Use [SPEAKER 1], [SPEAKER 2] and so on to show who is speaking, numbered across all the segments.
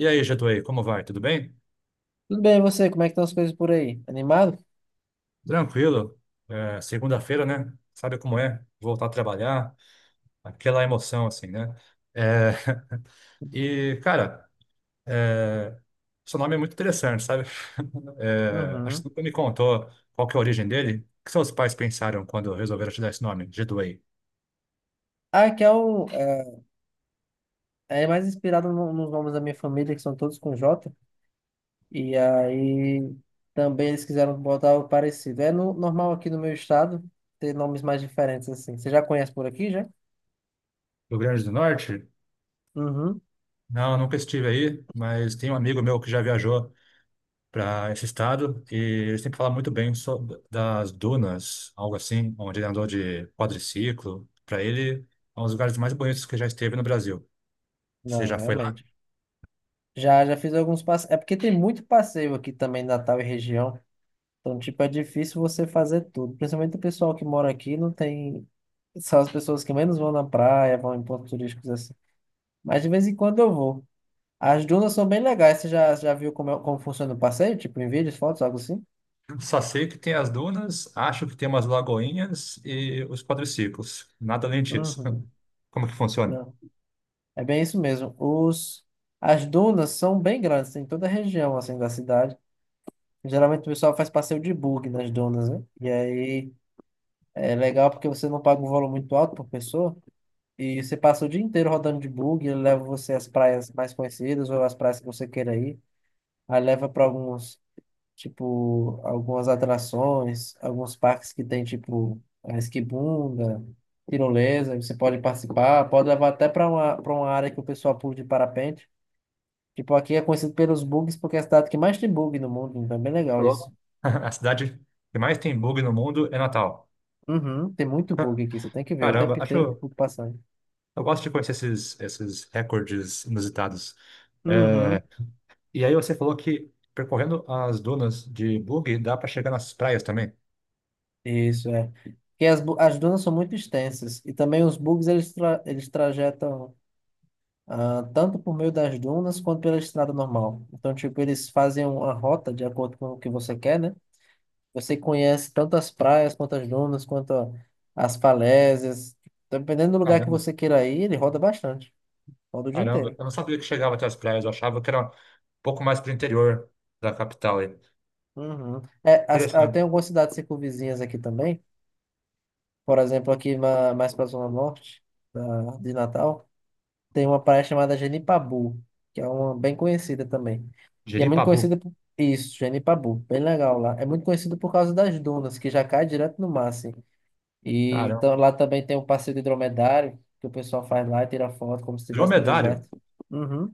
[SPEAKER 1] E aí, Getúlio, como vai? Tudo bem?
[SPEAKER 2] Tudo bem, e você? Como é que estão as coisas por aí? Animado?
[SPEAKER 1] Tranquilo. Segunda-feira, né? Sabe como é? Voltar a trabalhar, aquela emoção, assim, né? É, E, cara, é, seu nome é muito interessante, sabe? Acho
[SPEAKER 2] Uhum.
[SPEAKER 1] que nunca me contou qual que é a origem dele. O que seus pais pensaram quando resolveram te dar esse nome, Getúlio?
[SPEAKER 2] Ah, que é o. É, é mais inspirado nos nomes da minha família, que são todos com J. E aí também eles quiseram botar algo parecido. É normal aqui no meu estado ter nomes mais diferentes assim. Você já conhece por aqui, já?
[SPEAKER 1] Rio Grande do Norte?
[SPEAKER 2] Uhum.
[SPEAKER 1] Não, nunca estive aí, mas tem um amigo meu que já viajou para esse estado e eles sempre fala muito bem sobre das dunas, algo assim, onde ele andou de quadriciclo. Para ele, é um dos lugares mais bonitos que já esteve no Brasil. Você
[SPEAKER 2] Não,
[SPEAKER 1] já foi lá?
[SPEAKER 2] realmente. Já fiz alguns passeios. É porque tem muito passeio aqui também, Natal e região. Então, tipo, é difícil você fazer tudo. Principalmente o pessoal que mora aqui não tem. São as pessoas que menos vão na praia, vão em pontos turísticos. Mas de vez em quando eu vou. As dunas são bem legais. Você já viu como funciona o passeio? Tipo, em vídeos, fotos, algo assim?
[SPEAKER 1] Só sei que tem as dunas, acho que tem umas lagoinhas e os quadriciclos. Nada além disso.
[SPEAKER 2] Uhum.
[SPEAKER 1] Como que funciona?
[SPEAKER 2] Não. É bem isso mesmo. As dunas são bem grandes, tem em toda a região assim, da cidade. Geralmente o pessoal faz passeio de bug nas dunas, né? E aí é legal porque você não paga um valor muito alto por pessoa. E você passa o dia inteiro rodando de bug, ele leva você às praias mais conhecidas ou às praias que você queira ir. Aí leva para alguns, tipo, algumas atrações, alguns parques que tem, tipo, a esquibunda, tirolesa, você pode participar, pode levar até para uma área que o pessoal pula de parapente. Tipo, aqui é conhecido pelos bugs porque é a cidade que mais tem bug no mundo, então é bem legal isso.
[SPEAKER 1] Louco. A cidade que mais tem bug no mundo é Natal.
[SPEAKER 2] Uhum, tem muito bug aqui, você tem que ver, o tempo
[SPEAKER 1] Caramba,
[SPEAKER 2] inteiro
[SPEAKER 1] acho.
[SPEAKER 2] o bug passando.
[SPEAKER 1] Eu gosto de conhecer esses, esses recordes inusitados.
[SPEAKER 2] Uhum.
[SPEAKER 1] É, E aí você falou que percorrendo as dunas de buggy dá para chegar nas praias também.
[SPEAKER 2] Isso, é. Porque as dunas são muito extensas e também os bugs eles trajetam, tanto por meio das dunas quanto pela estrada normal. Então, tipo, eles fazem uma rota de acordo com o que você quer, né? Você conhece tanto as praias quanto as dunas, quanto as falésias. Dependendo do lugar que
[SPEAKER 1] Caramba,
[SPEAKER 2] você queira ir, ele roda bastante. Roda o dia
[SPEAKER 1] caramba.
[SPEAKER 2] inteiro.
[SPEAKER 1] Eu não sabia que chegava até as praias. Eu achava que era um pouco mais para o interior da capital aí.
[SPEAKER 2] Uhum. É, tem
[SPEAKER 1] Interessante.
[SPEAKER 2] algumas cidades circunvizinhas aqui também. Por exemplo, aqui mais para a Zona Norte de Natal. Tem uma praia chamada Genipabu, que é uma bem conhecida também. E é muito
[SPEAKER 1] Jeripabu.
[SPEAKER 2] conhecida por isso, Genipabu, bem legal lá. É muito conhecido por causa das dunas, que já cai direto no mar, assim. E
[SPEAKER 1] Caramba.
[SPEAKER 2] então, lá também tem um passeio de dromedário, que o pessoal faz lá e tira foto como se estivesse no
[SPEAKER 1] Dromedário.
[SPEAKER 2] deserto. Uhum.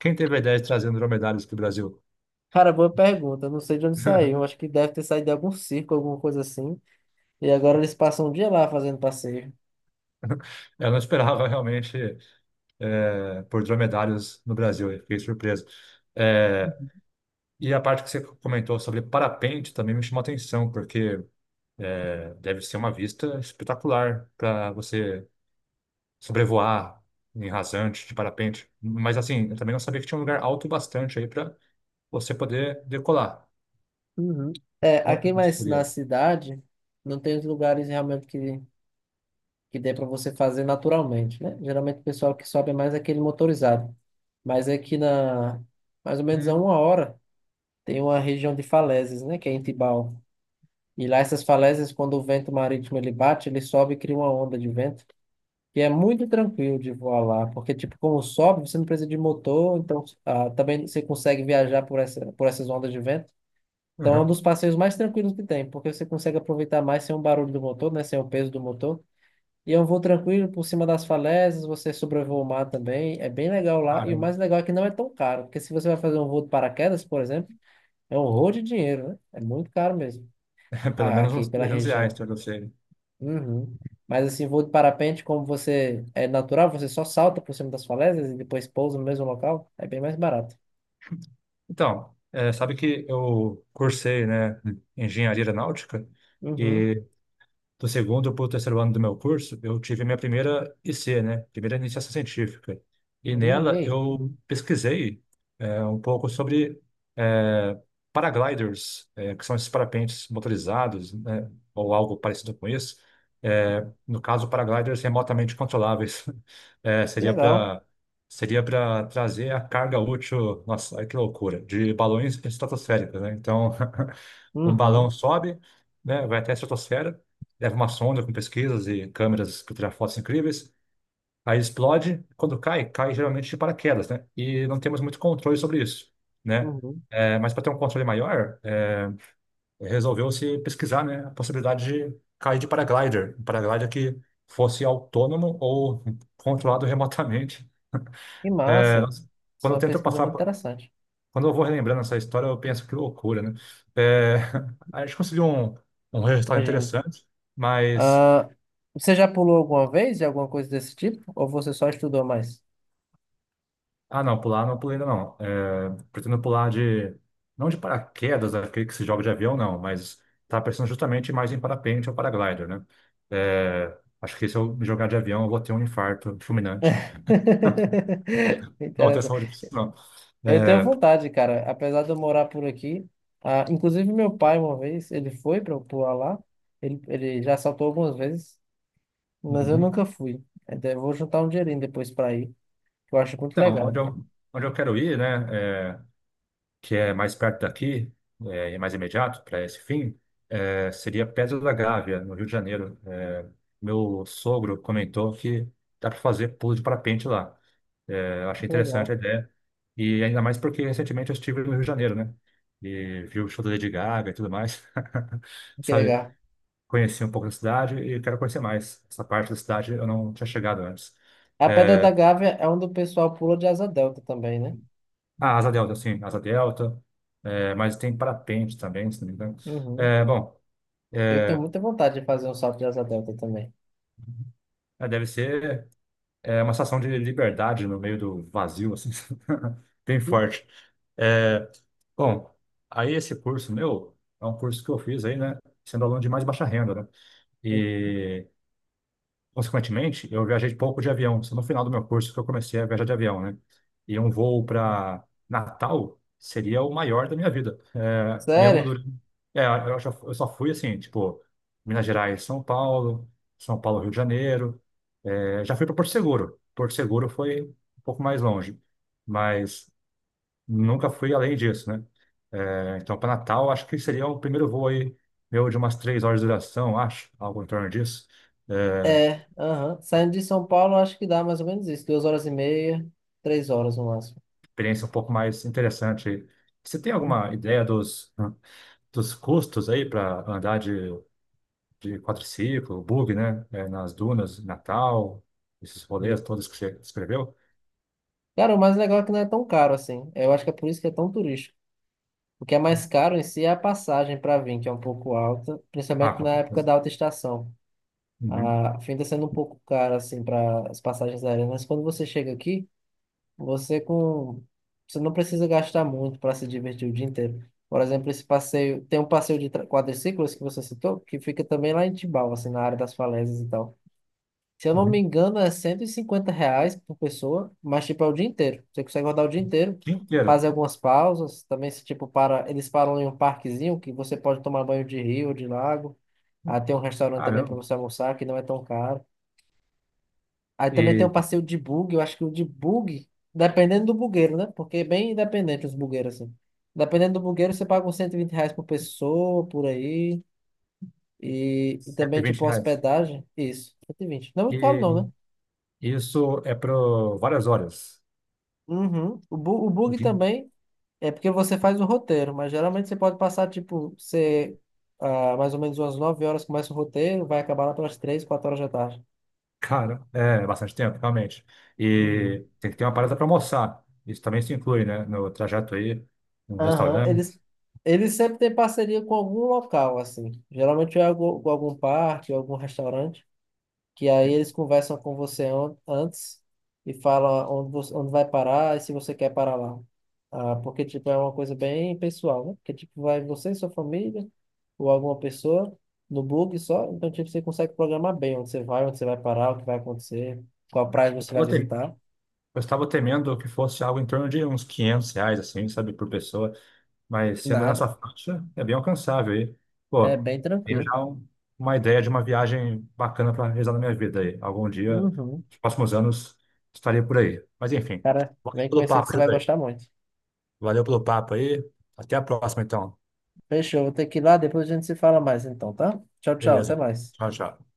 [SPEAKER 1] Quem teve a ideia de trazer dromedários para o Brasil?
[SPEAKER 2] Cara, boa pergunta. Eu não sei de onde saiu. Acho que deve ter saído de algum circo, alguma coisa assim. E agora eles passam um dia lá fazendo passeio.
[SPEAKER 1] Eu não esperava realmente por dromedários no Brasil. Eu fiquei surpreso. Eh, E a parte que você comentou sobre parapente também me chamou a atenção, porque deve ser uma vista espetacular para você sobrevoar em rasante de parapente. Mas assim, eu também não sabia que tinha um lugar alto bastante aí para você poder decolar.
[SPEAKER 2] Uhum. É,
[SPEAKER 1] Olha
[SPEAKER 2] aqui
[SPEAKER 1] que
[SPEAKER 2] mais na
[SPEAKER 1] seria.
[SPEAKER 2] cidade, não tem os lugares realmente que dê para você fazer naturalmente, né? Geralmente o pessoal que sobe é mais aquele motorizado. Mas aqui na mais ou menos a
[SPEAKER 1] Hum,
[SPEAKER 2] uma hora tem uma região de falésias, né? Que é em Tibau. E lá essas falésias, quando o vento marítimo ele bate, ele sobe e cria uma onda de vento, que é muito tranquilo de voar lá, porque tipo, como sobe, você não precisa de motor, então, também você consegue viajar por essas ondas de vento. Então é um
[SPEAKER 1] aham.
[SPEAKER 2] dos passeios mais tranquilos que tem, porque você consegue aproveitar mais sem o barulho do motor, né? Sem o peso do motor. E eu vou tranquilo por cima das falésias, você sobrevoa o mar também, é bem legal lá. E o
[SPEAKER 1] Caramba,
[SPEAKER 2] mais legal é que não é tão caro, porque se você vai fazer um voo de paraquedas, por exemplo, é um horror de dinheiro, né? É muito caro mesmo,
[SPEAKER 1] pelo menos
[SPEAKER 2] aqui
[SPEAKER 1] uns
[SPEAKER 2] pela
[SPEAKER 1] 300 reais
[SPEAKER 2] região.
[SPEAKER 1] para você.
[SPEAKER 2] Uhum. Mas assim, voo de parapente, como você é natural, você só salta por cima das falésias e depois pousa no mesmo local, é bem mais barato.
[SPEAKER 1] Então, sabe que eu cursei, né, engenharia aeronáutica
[SPEAKER 2] Uhum.
[SPEAKER 1] e do segundo para o terceiro ano do meu curso, eu tive minha primeira IC, né? Primeira iniciação científica. E
[SPEAKER 2] E
[SPEAKER 1] nela
[SPEAKER 2] aí?
[SPEAKER 1] eu pesquisei um pouco sobre é, paragliders, que são esses parapentes motorizados, né? Ou algo parecido com isso. No caso, paragliders remotamente controláveis. É,
[SPEAKER 2] Que
[SPEAKER 1] seria
[SPEAKER 2] legal.
[SPEAKER 1] para seria para trazer a carga útil, nossa, ai, que loucura, de balões estratosféricos, né? Então, um balão
[SPEAKER 2] Uhum.
[SPEAKER 1] sobe, né, vai até a estratosfera, leva uma sonda com pesquisas e câmeras que tiram fotos incríveis, aí explode, quando cai, cai geralmente de paraquedas, né, e não temos muito controle sobre isso, né.
[SPEAKER 2] Uhum.
[SPEAKER 1] Mas para ter um controle maior, resolveu-se pesquisar, né, a possibilidade de cair de paraglider, um paraglider que fosse autônomo ou controlado remotamente.
[SPEAKER 2] Que
[SPEAKER 1] É,
[SPEAKER 2] massa.
[SPEAKER 1] nós-
[SPEAKER 2] Isso
[SPEAKER 1] Quando
[SPEAKER 2] é
[SPEAKER 1] eu
[SPEAKER 2] uma
[SPEAKER 1] tento
[SPEAKER 2] pesquisa
[SPEAKER 1] passar.
[SPEAKER 2] muito interessante.
[SPEAKER 1] Quando eu vou relembrando essa história, eu penso que loucura, né? É, a gente conseguiu um resultado
[SPEAKER 2] Imagina.
[SPEAKER 1] interessante, mas.
[SPEAKER 2] Ah, você já pulou alguma vez de alguma coisa desse tipo? Ou você só estudou mais?
[SPEAKER 1] Ah, não, pular não pulei ainda não. Pretendo pular de. Não de paraquedas, aquele que se joga de avião, não, mas tá pensando justamente mais em parapente ou paraglider, né? Acho que se eu me jogar de avião, eu vou ter um infarto fulminante. Não, vou ter
[SPEAKER 2] Interessante.
[SPEAKER 1] saúde pra isso, não.
[SPEAKER 2] Eu tenho
[SPEAKER 1] É,
[SPEAKER 2] vontade, cara. Apesar de eu morar por aqui, ah, inclusive meu pai uma vez, ele foi para pular lá. Ele já saltou algumas vezes, mas eu
[SPEAKER 1] uhum.
[SPEAKER 2] nunca fui. Até vou juntar um dinheirinho depois para ir, que eu acho muito
[SPEAKER 1] Então, onde
[SPEAKER 2] legal.
[SPEAKER 1] eu, onde eu quero ir, né? Que é mais perto daqui, e mais imediato para esse fim, seria Pedra da Gávea, no Rio de Janeiro. Meu sogro comentou que dá para fazer pulo de parapente lá. Eu achei
[SPEAKER 2] Muito
[SPEAKER 1] interessante a
[SPEAKER 2] legal.
[SPEAKER 1] ideia. E ainda mais porque recentemente eu estive no Rio de Janeiro, né? E vi o show da Lady Gaga e tudo mais.
[SPEAKER 2] Que
[SPEAKER 1] Sabe?
[SPEAKER 2] legal.
[SPEAKER 1] Conheci um pouco da cidade e quero conhecer mais. Essa parte da cidade eu não tinha chegado antes.
[SPEAKER 2] A Pedra da
[SPEAKER 1] É,
[SPEAKER 2] Gávea é onde o pessoal pula de asa delta também, né?
[SPEAKER 1] a Asa Delta, sim, Asa Delta. Mas tem parapente também, se não me engano.
[SPEAKER 2] Uhum.
[SPEAKER 1] Bom,
[SPEAKER 2] Eu tenho
[SPEAKER 1] É,
[SPEAKER 2] muita vontade de fazer um salto de asa delta também.
[SPEAKER 1] deve ser uma sensação de liberdade no meio do vazio, assim, bem forte. É, Bom, aí esse curso meu é um curso que eu fiz aí, né, sendo aluno de mais baixa renda, né?
[SPEAKER 2] Uhum.
[SPEAKER 1] E, consequentemente, eu viajei pouco de avião. Só no final do meu curso que eu comecei a viajar de avião, né? E um voo para Natal seria o maior da minha vida. Mesmo
[SPEAKER 2] Sério?
[SPEAKER 1] durante... Eu só fui assim, tipo, Minas Gerais, São Paulo, São Paulo, Rio de Janeiro. Já fui para Porto Seguro. Porto Seguro foi um pouco mais longe, mas nunca fui além disso, né? Então, para Natal, acho que seria o primeiro voo aí, meu, de umas 3 horas de duração, acho, algo em torno disso. É,
[SPEAKER 2] É, aham. Saindo de São Paulo, acho que dá mais ou menos isso. 2 horas e meia, 3 horas no máximo.
[SPEAKER 1] Experiência um pouco mais interessante aí. Você tem
[SPEAKER 2] Uhum.
[SPEAKER 1] alguma ideia dos, dos custos aí para andar de quadriciclo, bug, né? Nas dunas, Natal, esses rolês todos que você escreveu?
[SPEAKER 2] Cara, o mais legal é que não é tão caro assim. Eu acho que é por isso que é tão turístico. O que é mais caro em si é a passagem para vir, que é um pouco alta,
[SPEAKER 1] Ah,
[SPEAKER 2] principalmente na
[SPEAKER 1] com-
[SPEAKER 2] época da alta estação.
[SPEAKER 1] uhum,
[SPEAKER 2] A, fim de sendo um pouco caro assim para as passagens aéreas, mas quando você chega aqui, Você com, você não precisa gastar muito para se divertir o dia inteiro. Por exemplo, esse passeio, tem um passeio de quadriciclos que você citou, que fica também lá em Tibau, assim, na área das falésias e tal. Se eu não me
[SPEAKER 1] uhum.
[SPEAKER 2] engano, é R$ 150 por pessoa, mas tipo é o dia inteiro. Você consegue rodar o dia inteiro,
[SPEAKER 1] Dia inteiro.
[SPEAKER 2] fazer algumas pausas, também se tipo para, eles param em um parquezinho que você pode tomar banho de rio ou de lago. Ah, tem um restaurante também para
[SPEAKER 1] Caramba.
[SPEAKER 2] você almoçar que não é tão caro. Aí também tem o
[SPEAKER 1] E
[SPEAKER 2] passeio de bug, eu acho que o de bug, dependendo do bugueiro, né? Porque é bem independente os bugueiros, assim. Dependendo do bugueiro, você paga uns R$ 120 por pessoa, por aí. E
[SPEAKER 1] cento
[SPEAKER 2] também,
[SPEAKER 1] e
[SPEAKER 2] tipo,
[SPEAKER 1] vinte reais.
[SPEAKER 2] hospedagem. Isso, 120 não é muito caro, não,
[SPEAKER 1] E
[SPEAKER 2] né?
[SPEAKER 1] isso é para várias horas.
[SPEAKER 2] Uhum. O
[SPEAKER 1] O
[SPEAKER 2] bug
[SPEAKER 1] que-
[SPEAKER 2] também é porque você faz o roteiro, mas geralmente você pode passar, tipo, você, mais ou menos umas 9 horas começa o roteiro, vai acabar lá pelas 3 4 horas da tarde.
[SPEAKER 1] Cara, é bastante tempo, realmente.
[SPEAKER 2] Uhum.
[SPEAKER 1] E tem que ter uma parada para almoçar. Isso também se inclui, né? No trajeto aí, no
[SPEAKER 2] Aham,
[SPEAKER 1] restaurante.
[SPEAKER 2] eles sempre têm parceria com algum local, assim. Geralmente é com algum parque, algum restaurante, que aí eles conversam com você antes e falam onde vai parar e se você quer parar lá. Ah, porque, tipo, é uma coisa bem pessoal, né? Porque, tipo, vai você e sua família ou alguma pessoa no bug só. Então, tipo, você consegue programar bem onde você vai parar, o que vai acontecer, qual praia você vai
[SPEAKER 1] Tava te-
[SPEAKER 2] visitar.
[SPEAKER 1] Eu estava temendo que fosse algo em torno de uns 500 reais, assim, sabe, por pessoa. Mas sendo nessa
[SPEAKER 2] Nada.
[SPEAKER 1] faixa, é bem alcançável. Aí
[SPEAKER 2] É
[SPEAKER 1] pô,
[SPEAKER 2] bem
[SPEAKER 1] tenho
[SPEAKER 2] tranquilo.
[SPEAKER 1] já uma ideia de uma viagem bacana para realizar na minha vida aí. Algum dia,
[SPEAKER 2] Uhum.
[SPEAKER 1] nos próximos anos, estarei por aí. Mas, enfim,
[SPEAKER 2] Cara,
[SPEAKER 1] valeu
[SPEAKER 2] vem
[SPEAKER 1] pelo
[SPEAKER 2] conhecer que
[SPEAKER 1] papo,
[SPEAKER 2] você vai
[SPEAKER 1] Júlio.
[SPEAKER 2] gostar muito.
[SPEAKER 1] Valeu pelo papo aí. Até a próxima, então.
[SPEAKER 2] Fechou, vou ter que ir lá, depois a gente se fala mais então, tá? Tchau, tchau, até
[SPEAKER 1] Beleza.
[SPEAKER 2] mais.
[SPEAKER 1] Tchau, tchau.